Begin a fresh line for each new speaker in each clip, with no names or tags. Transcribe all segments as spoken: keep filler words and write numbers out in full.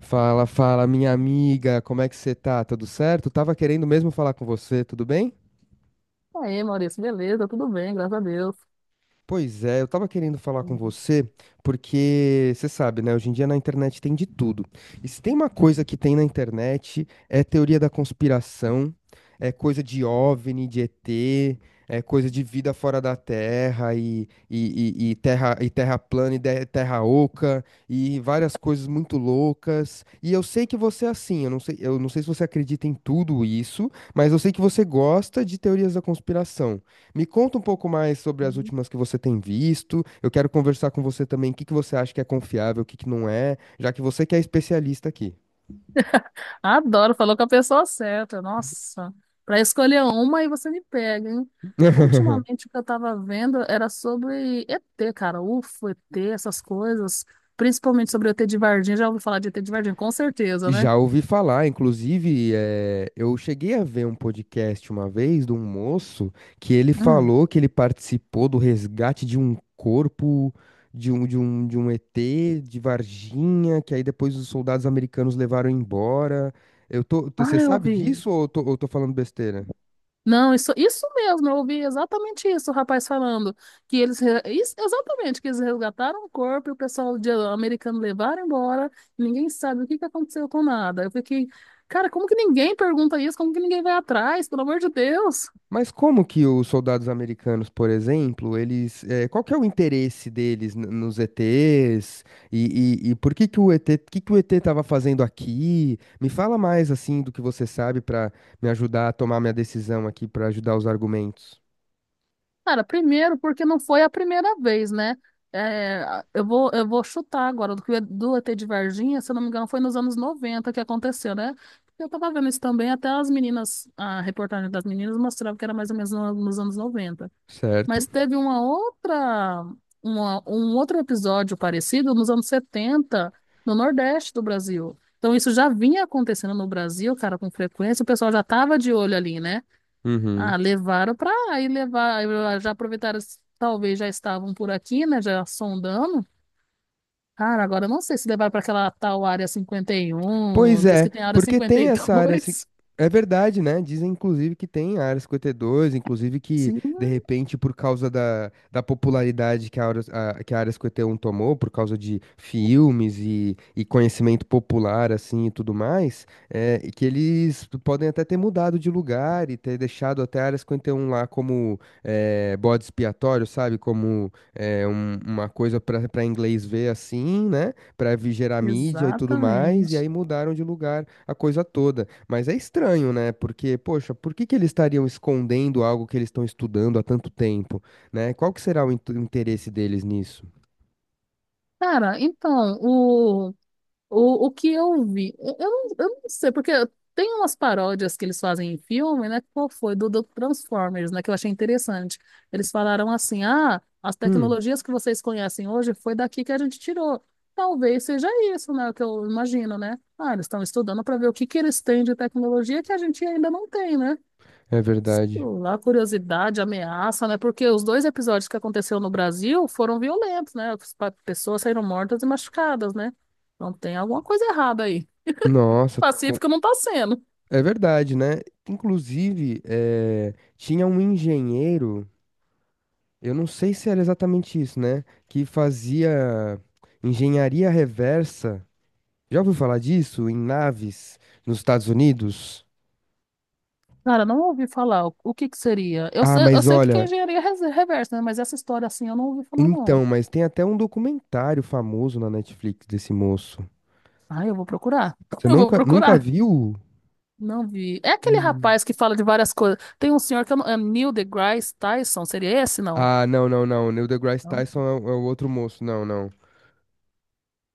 Fala, fala, minha amiga, como é que você tá? Tudo certo? Tava querendo mesmo falar com você, tudo bem?
Aí, Maurício, beleza, tudo bem, graças a Deus.
Pois é, eu tava querendo falar com
Uhum.
você, porque você sabe, né? Hoje em dia na internet tem de tudo. E se tem uma coisa que tem na internet, é teoria da conspiração, é coisa de OVNI, de E T, é coisa de vida fora da Terra e, e, e- e terra, e terra plana e de- terra oca e várias coisas muito loucas. E eu sei que você é assim, eu não sei, eu não sei se você acredita em tudo isso, mas eu sei que você gosta de teorias da conspiração. Me conta um pouco mais sobre as últimas que você tem visto. Eu quero conversar com você também o que que você acha que é confiável, o que que não é, já que você que é especialista aqui.
Adoro, falou com a pessoa certa. Nossa, para escolher uma aí você me pega, hein? Ultimamente o que eu tava vendo era sobre E T, cara. U F O, E T, essas coisas. Principalmente sobre o E T de Varginha. Já ouvi falar de E T de Varginha, com certeza, né?
Já ouvi falar, inclusive, eh, eu cheguei a ver um podcast uma vez de um moço que ele
Hum.
falou que ele participou do resgate de um corpo de um, de um, de um E T de Varginha, que aí depois os soldados americanos levaram embora. Eu tô,
Ah,
você
eu
sabe
vi.
disso ou eu tô, ou eu tô falando besteira?
Não, isso, isso mesmo, eu ouvi exatamente isso, o rapaz falando, que eles, re- isso- exatamente, que eles resgataram o corpo e o pessoal de- americano levaram embora, ninguém sabe o que que aconteceu com nada. Eu fiquei, cara, como que ninguém pergunta isso? Como que ninguém vai atrás? Pelo amor de Deus!
Mas como que os soldados americanos, por exemplo, eles, eh, qual que é o interesse deles n- nos E Tês? E, e, e por que que o E T, que que o E T estava fazendo aqui? Me fala mais assim do que você sabe para me ajudar a tomar minha decisão aqui, para ajudar os argumentos.
Cara, primeiro porque não foi a primeira vez, né? É, eu vou, eu vou chutar agora, do que do E T de Varginha, se eu não me engano, foi nos anos noventa que aconteceu, né? Eu tava vendo isso também, até as meninas, a reportagem das meninas mostrava que era mais ou menos no- nos anos noventa.
Certo?
Mas teve uma outra, uma- um outro episódio parecido nos anos setenta no Nordeste do Brasil. Então isso já vinha acontecendo no Brasil, cara, com frequência, o pessoal já tava de olho ali, né? Ah, levaram para aí levar, eu- ah, já aproveitaram, talvez já estavam por aqui, né, já sondando. Cara, agora eu não sei se levaram para aquela tal área cinquenta e
Pois
um. Diz
é,
que tem área
porque
cinquenta
tem
e
essa área assim.
dois.
É verdade, né? Dizem, inclusive, que tem a Área cinquenta e dois, inclusive que,
Sim.
de repente, por causa da, da popularidade que a, Área- a- que a Área cinquenta e um tomou, por causa de filmes e, e conhecimento popular, assim, e tudo mais, é, e que eles podem até ter mudado de lugar e ter deixado até a Área cinquenta e um lá como é, bode expiatório, sabe? Como é, um- uma coisa para inglês ver, assim, né? Pra vi- gerar mídia e tudo mais, e
Exatamente.
aí mudaram de lugar a coisa toda. Mas é estranho, né? Porque, poxa, por que que eles estariam escondendo algo que eles estão estudando há tanto tempo, né? Qual que será o inte- interesse deles nisso?
Cara, então, O, o que eu vi, eu, eu, não, eu não sei, porque tem umas paródias que eles fazem em filme, né? Qual foi? Do, do Transformers, né? Que eu achei interessante. Eles falaram assim: ah, as
Hum,
tecnologias que vocês conhecem hoje foi daqui que a gente tirou. Talvez seja isso, né? O que eu imagino, né? Ah, eles estão estudando para ver o que que eles têm de tecnologia que a gente ainda não tem, né?
é
Sei
verdade.
lá, curiosidade, ameaça, né? Porque os dois episódios que aconteceu no Brasil foram violentos, né? As pa- Pessoas saíram mortas e machucadas, né? Então tem alguma coisa errada aí.
Nossa, com-
Pacífico não tá sendo.
é verdade, né? Inclusive, eh, tinha um engenheiro, eu não sei se era exatamente isso, né? Que fazia engenharia reversa. Já ouviu falar disso? Em naves nos Estados Unidos?
Cara, não ouvi falar o o que que seria. Eu
Ah,
sei, eu
mas
sei o que que é
olha,
engenharia res- reversa, né? Mas essa história assim eu não ouvi falar, não.
então, mas tem até um documentário famoso na Netflix desse moço.
Ah, eu vou procurar.
Você
Eu vou
nunca, nunca
procurar.
viu?
Não vi. É aquele
Hum.
rapaz que fala de várias coisas. Tem um senhor que eu não... É Neil deGrasse Tyson, seria esse, não?
Ah, não, não, não. Neil deGrasse Tyson é o é o outro moço. Não, não.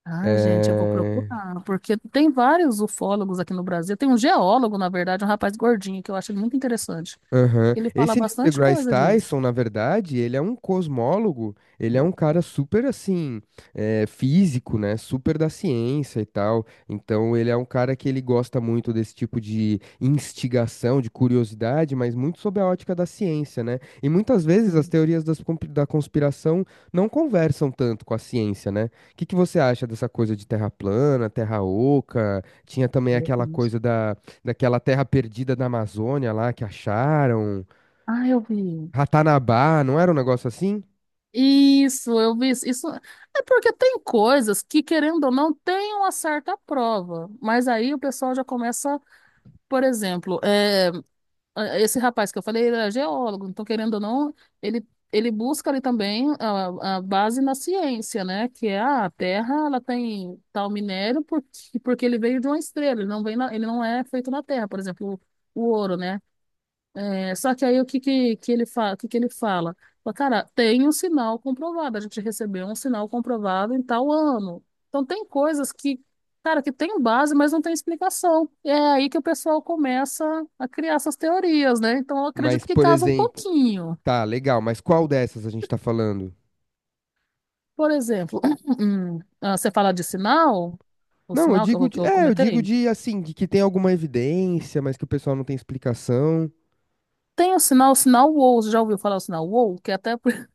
Ai, gente, eu vou
É.
procurar, porque tem vários ufólogos aqui no Brasil. Tem um geólogo, na verdade, um rapaz gordinho, que eu acho ele muito interessante.
Aham.
Ele fala
Esse Neil
bastante
deGrasse
coisa disso.
Tyson, na verdade, ele é um cosmólogo, ele é um cara super, assim, eh, físico, né? Super da ciência e tal. Então, ele é um cara que ele gosta muito desse tipo de instigação, de curiosidade, mas muito sob a ótica da ciência, né? E muitas vezes as
Sim.
teorias das compi- da conspiração não conversam tanto com a ciência, né? O que que você acha dessa coisa de terra plana, terra oca? Tinha também
Aí é
aquela
triste.
coisa daquela terra perdida da Amazônia lá que acharam,
Ah, eu vi.
Ratanabá, não era um negócio assim?
Isso, eu vi. Isso Isso- é porque tem coisas que, querendo ou não, tem uma certa prova. Mas aí o pessoal já começa, por exemplo, é, ah, esse rapaz que eu falei, ele é geólogo, então querendo ou não, ele, ele busca ali também a, a base na ciência, né? Que é ah, a Terra, ela tem tal minério porque, porque ele veio de uma estrela, ele não vem na- ele não é feito na Terra, por exemplo, o, o ouro, né? É, só que aí o que, que, que ele fala, que, que ele fala? Fala, cara, tem um sinal comprovado, a gente recebeu um sinal comprovado em tal ano. Então tem coisas que, cara, que tem base, mas não tem explicação. E é aí que o pessoal começa a criar essas teorias, né? Então eu
Mas,
acredito que
por
casa um
exemplo,
pouquinho.
tá, legal, mas qual dessas a gente tá falando?
Por exemplo, hum, ah, você fala de sinal, o
Não, eu
sinal que
digo
eu, que
de,
eu
é, eu digo
comentei?
de assim, de que tem alguma evidência, mas que o pessoal não tem explicação.
Tem o sinal, o sinal WOW. Você já ouviu falar o sinal WOW? Que é até por...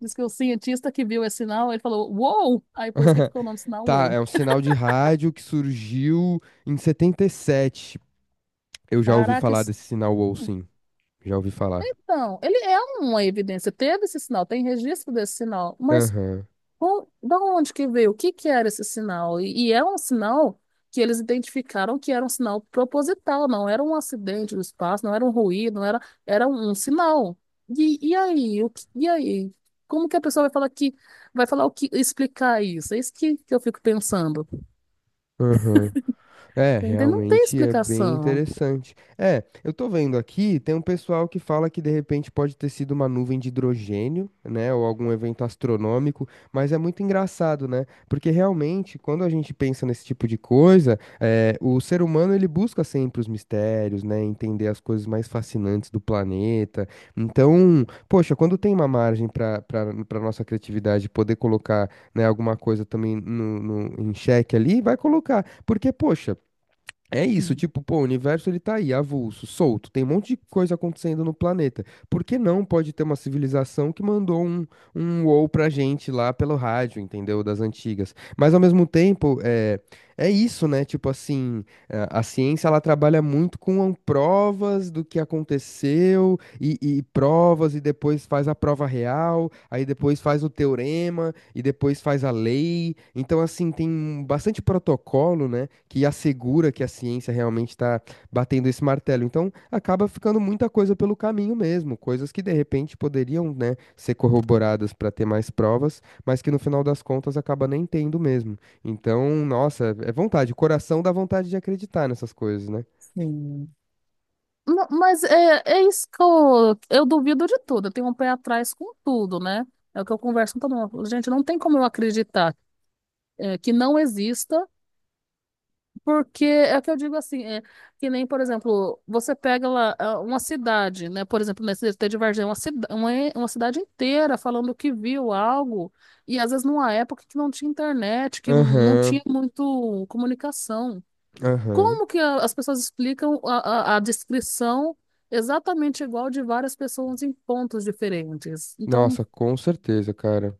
Diz que o cientista que viu esse sinal, ele falou WOW! Aí por isso que ficou o nome do sinal
Tá,
WOW.
é um sinal de rádio que surgiu em setenta e sete. Eu já ouvi
Caraca,
falar
esse-
desse sinal Wolf, sim, já ouvi falar.
então, ele é uma evidência. Teve esse sinal, tem registro desse sinal, mas
Aham,
Com- da onde que veio? O que que era esse sinal? E, e é um sinal que eles identificaram que era um sinal proposital, não era um acidente do espaço, não era um ruído, não era, era um, um sinal. E, e aí? O que- e aí? Como que a pessoa vai falar que vai falar o que explicar isso? É isso que, que eu fico pensando.
aham. É,
Entende? Não tem
realmente é bem
explicação.
interessante. É, eu tô vendo aqui, tem um pessoal que fala que de repente pode ter sido uma nuvem de hidrogênio, né, ou algum evento astronômico, mas é muito engraçado, né? Porque realmente, quando a gente pensa nesse tipo de coisa, é, o ser humano ele busca sempre os mistérios, né, entender as coisas mais fascinantes do planeta. Então, poxa, quando tem uma margem para para nossa criatividade poder colocar, né, alguma coisa também no, no- em xeque ali, vai colocar. Porque, poxa, é isso, tipo, pô, o universo ele tá aí, avulso, solto, tem um monte de coisa acontecendo no planeta. Por que não pode ter uma civilização que mandou um, um wow pra gente lá pelo rádio, entendeu? Das antigas. Mas ao mesmo tempo, é, é isso, né? Tipo assim, é, a ciência ela trabalha muito com provas do que aconteceu e, e provas e depois faz a prova real, aí depois faz o teorema e depois faz a lei. Então, assim, tem bastante protocolo, né, que assegura que a ciência realmente está batendo esse martelo. Então, acaba ficando muita coisa pelo caminho mesmo, coisas que de repente poderiam, né, ser corroboradas para ter mais provas, mas que no final das contas acaba nem tendo mesmo. Então, nossa, é vontade, o coração dá vontade de acreditar nessas coisas, né?
Sim. Não, mas é, é isso que eu, eu duvido de tudo. Eu tenho um pé atrás com tudo, né? É o que eu converso com todo mundo. Gente, não tem como eu acreditar é, que não exista, porque é o que eu digo assim, é, que nem, por exemplo, você pega lá ah, uma cidade, né? Por exemplo, nesse D T de Varginha, uma, cida- uma, e- uma cidade inteira falando que viu algo, e às vezes numa época que não tinha internet, que não
Aham,
tinha muito comunicação.
aham.
Como que a- as pessoas explicam a, a, a descrição exatamente igual de várias pessoas em pontos diferentes? Então,
Nossa, com certeza, cara.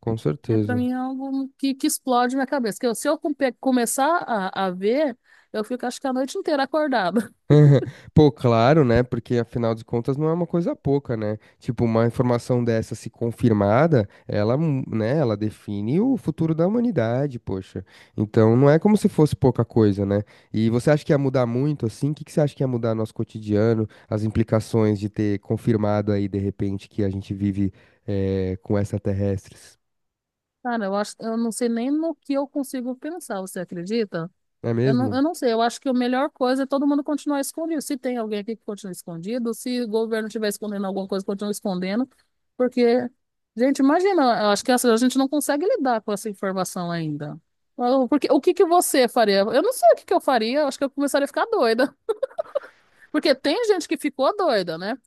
Com
é, para
certeza.
mim é algo que, que explode minha cabeça. Que eu- se eu compe- Começar a, a ver, eu fico acho que a noite inteira acordada.
Pô, claro, né? Porque afinal de contas não é uma coisa pouca, né? Tipo, uma informação dessa se confirmada, ela, mu- né, ela define o futuro da humanidade, poxa. Então não é como se fosse pouca coisa, né? E você acha que ia mudar muito assim? O que que você acha que ia mudar no nosso cotidiano? As implicações de ter confirmado aí de repente que a gente vive eh, com extraterrestres?
Cara, eu acho, eu não sei nem no que eu consigo pensar, você acredita?
É
Eu não,
mesmo?
eu não sei, eu acho que a melhor coisa é todo mundo continuar escondido. Se tem alguém aqui que continua escondido, se o governo estiver escondendo alguma coisa, continua escondendo. Porque, gente, imagina, eu acho que essa- a gente não consegue lidar com essa informação ainda. Então, porque, o que que você faria? Eu não sei o que que eu faria, eu acho que eu começaria a ficar doida. Porque tem gente que ficou doida, né?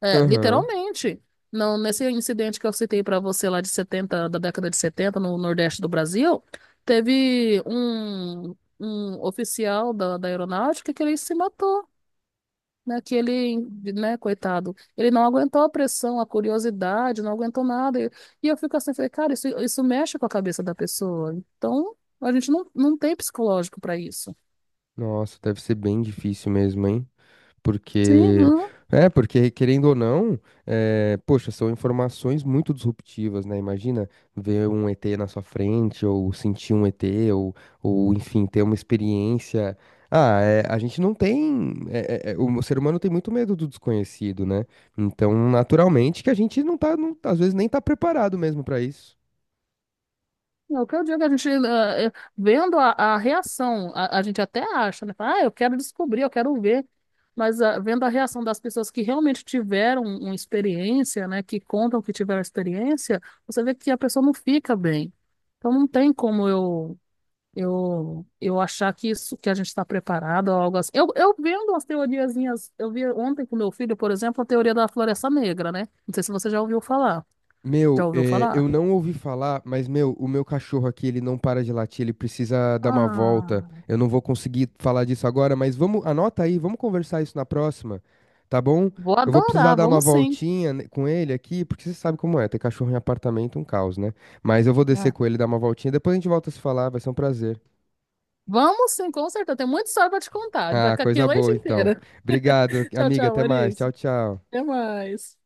É,
Aham.
literalmente. Não, nesse incidente que eu citei para você lá de setenta da década de setenta no Nordeste do Brasil, teve um, um oficial da, da aeronáutica que ele se matou, né? Que ele, né, coitado, ele não aguentou a pressão, a curiosidade, não aguentou nada. E, e eu fico assim, falei, cara, isso, isso mexe com a cabeça da pessoa. Então, a gente não, não tem psicológico para isso.
Nossa, deve ser bem difícil mesmo, hein?
Sim,
Porque,
não
é, porque querendo ou não, é, poxa, são informações muito disruptivas, né? Imagina ver um E T na sua frente, ou sentir um E T, ou, ou enfim, ter uma experiência. Ah, é, a gente não tem. é, é, é, o ser humano tem muito medo do desconhecido, né? Então, naturalmente, que a gente não tá, não- às vezes nem tá preparado mesmo para isso.
É o que eu digo, a gente, eh, eh, vendo a, a reação, a, a gente até acha, né? Fala, ah, eu quero descobrir, eu quero ver. Mas ah, vendo a reação das pessoas que realmente tiveram um, uma experiência, né? Que contam que tiveram experiência, você vê que a pessoa não fica bem. Então não tem como eu eu, eu achar que isso que a gente está preparado ou algo assim. Eu, eu vendo as teoriazinhas, eu vi ontem com meu filho, por exemplo, a teoria da floresta negra, né? Não sei se você já ouviu falar. Já
Meu,
ouviu
é,
falar?
eu não ouvi falar, mas, meu, o meu cachorro aqui, ele não para de latir, ele precisa dar uma volta.
Ah.
Eu não vou conseguir falar disso agora, mas vamos, anota aí, vamos conversar isso na próxima, tá bom?
Vou
Eu vou precisar
adorar,
dar uma
vamos sim.
voltinha ne- com ele aqui, porque você sabe como é, ter cachorro em apartamento é um caos, né? Mas eu vou descer
Ah,
com ele, dar uma voltinha, depois a gente volta a se falar, vai ser um prazer.
vamos sim, com certeza. Tem muita história pra te contar. Vai
Ah,
ficar aqui a
coisa
noite
boa, então.
inteira.
Obrigado,
Tchau,
amiga,
tchau,
até mais. Tchau,
Maurício.
tchau.
Até mais.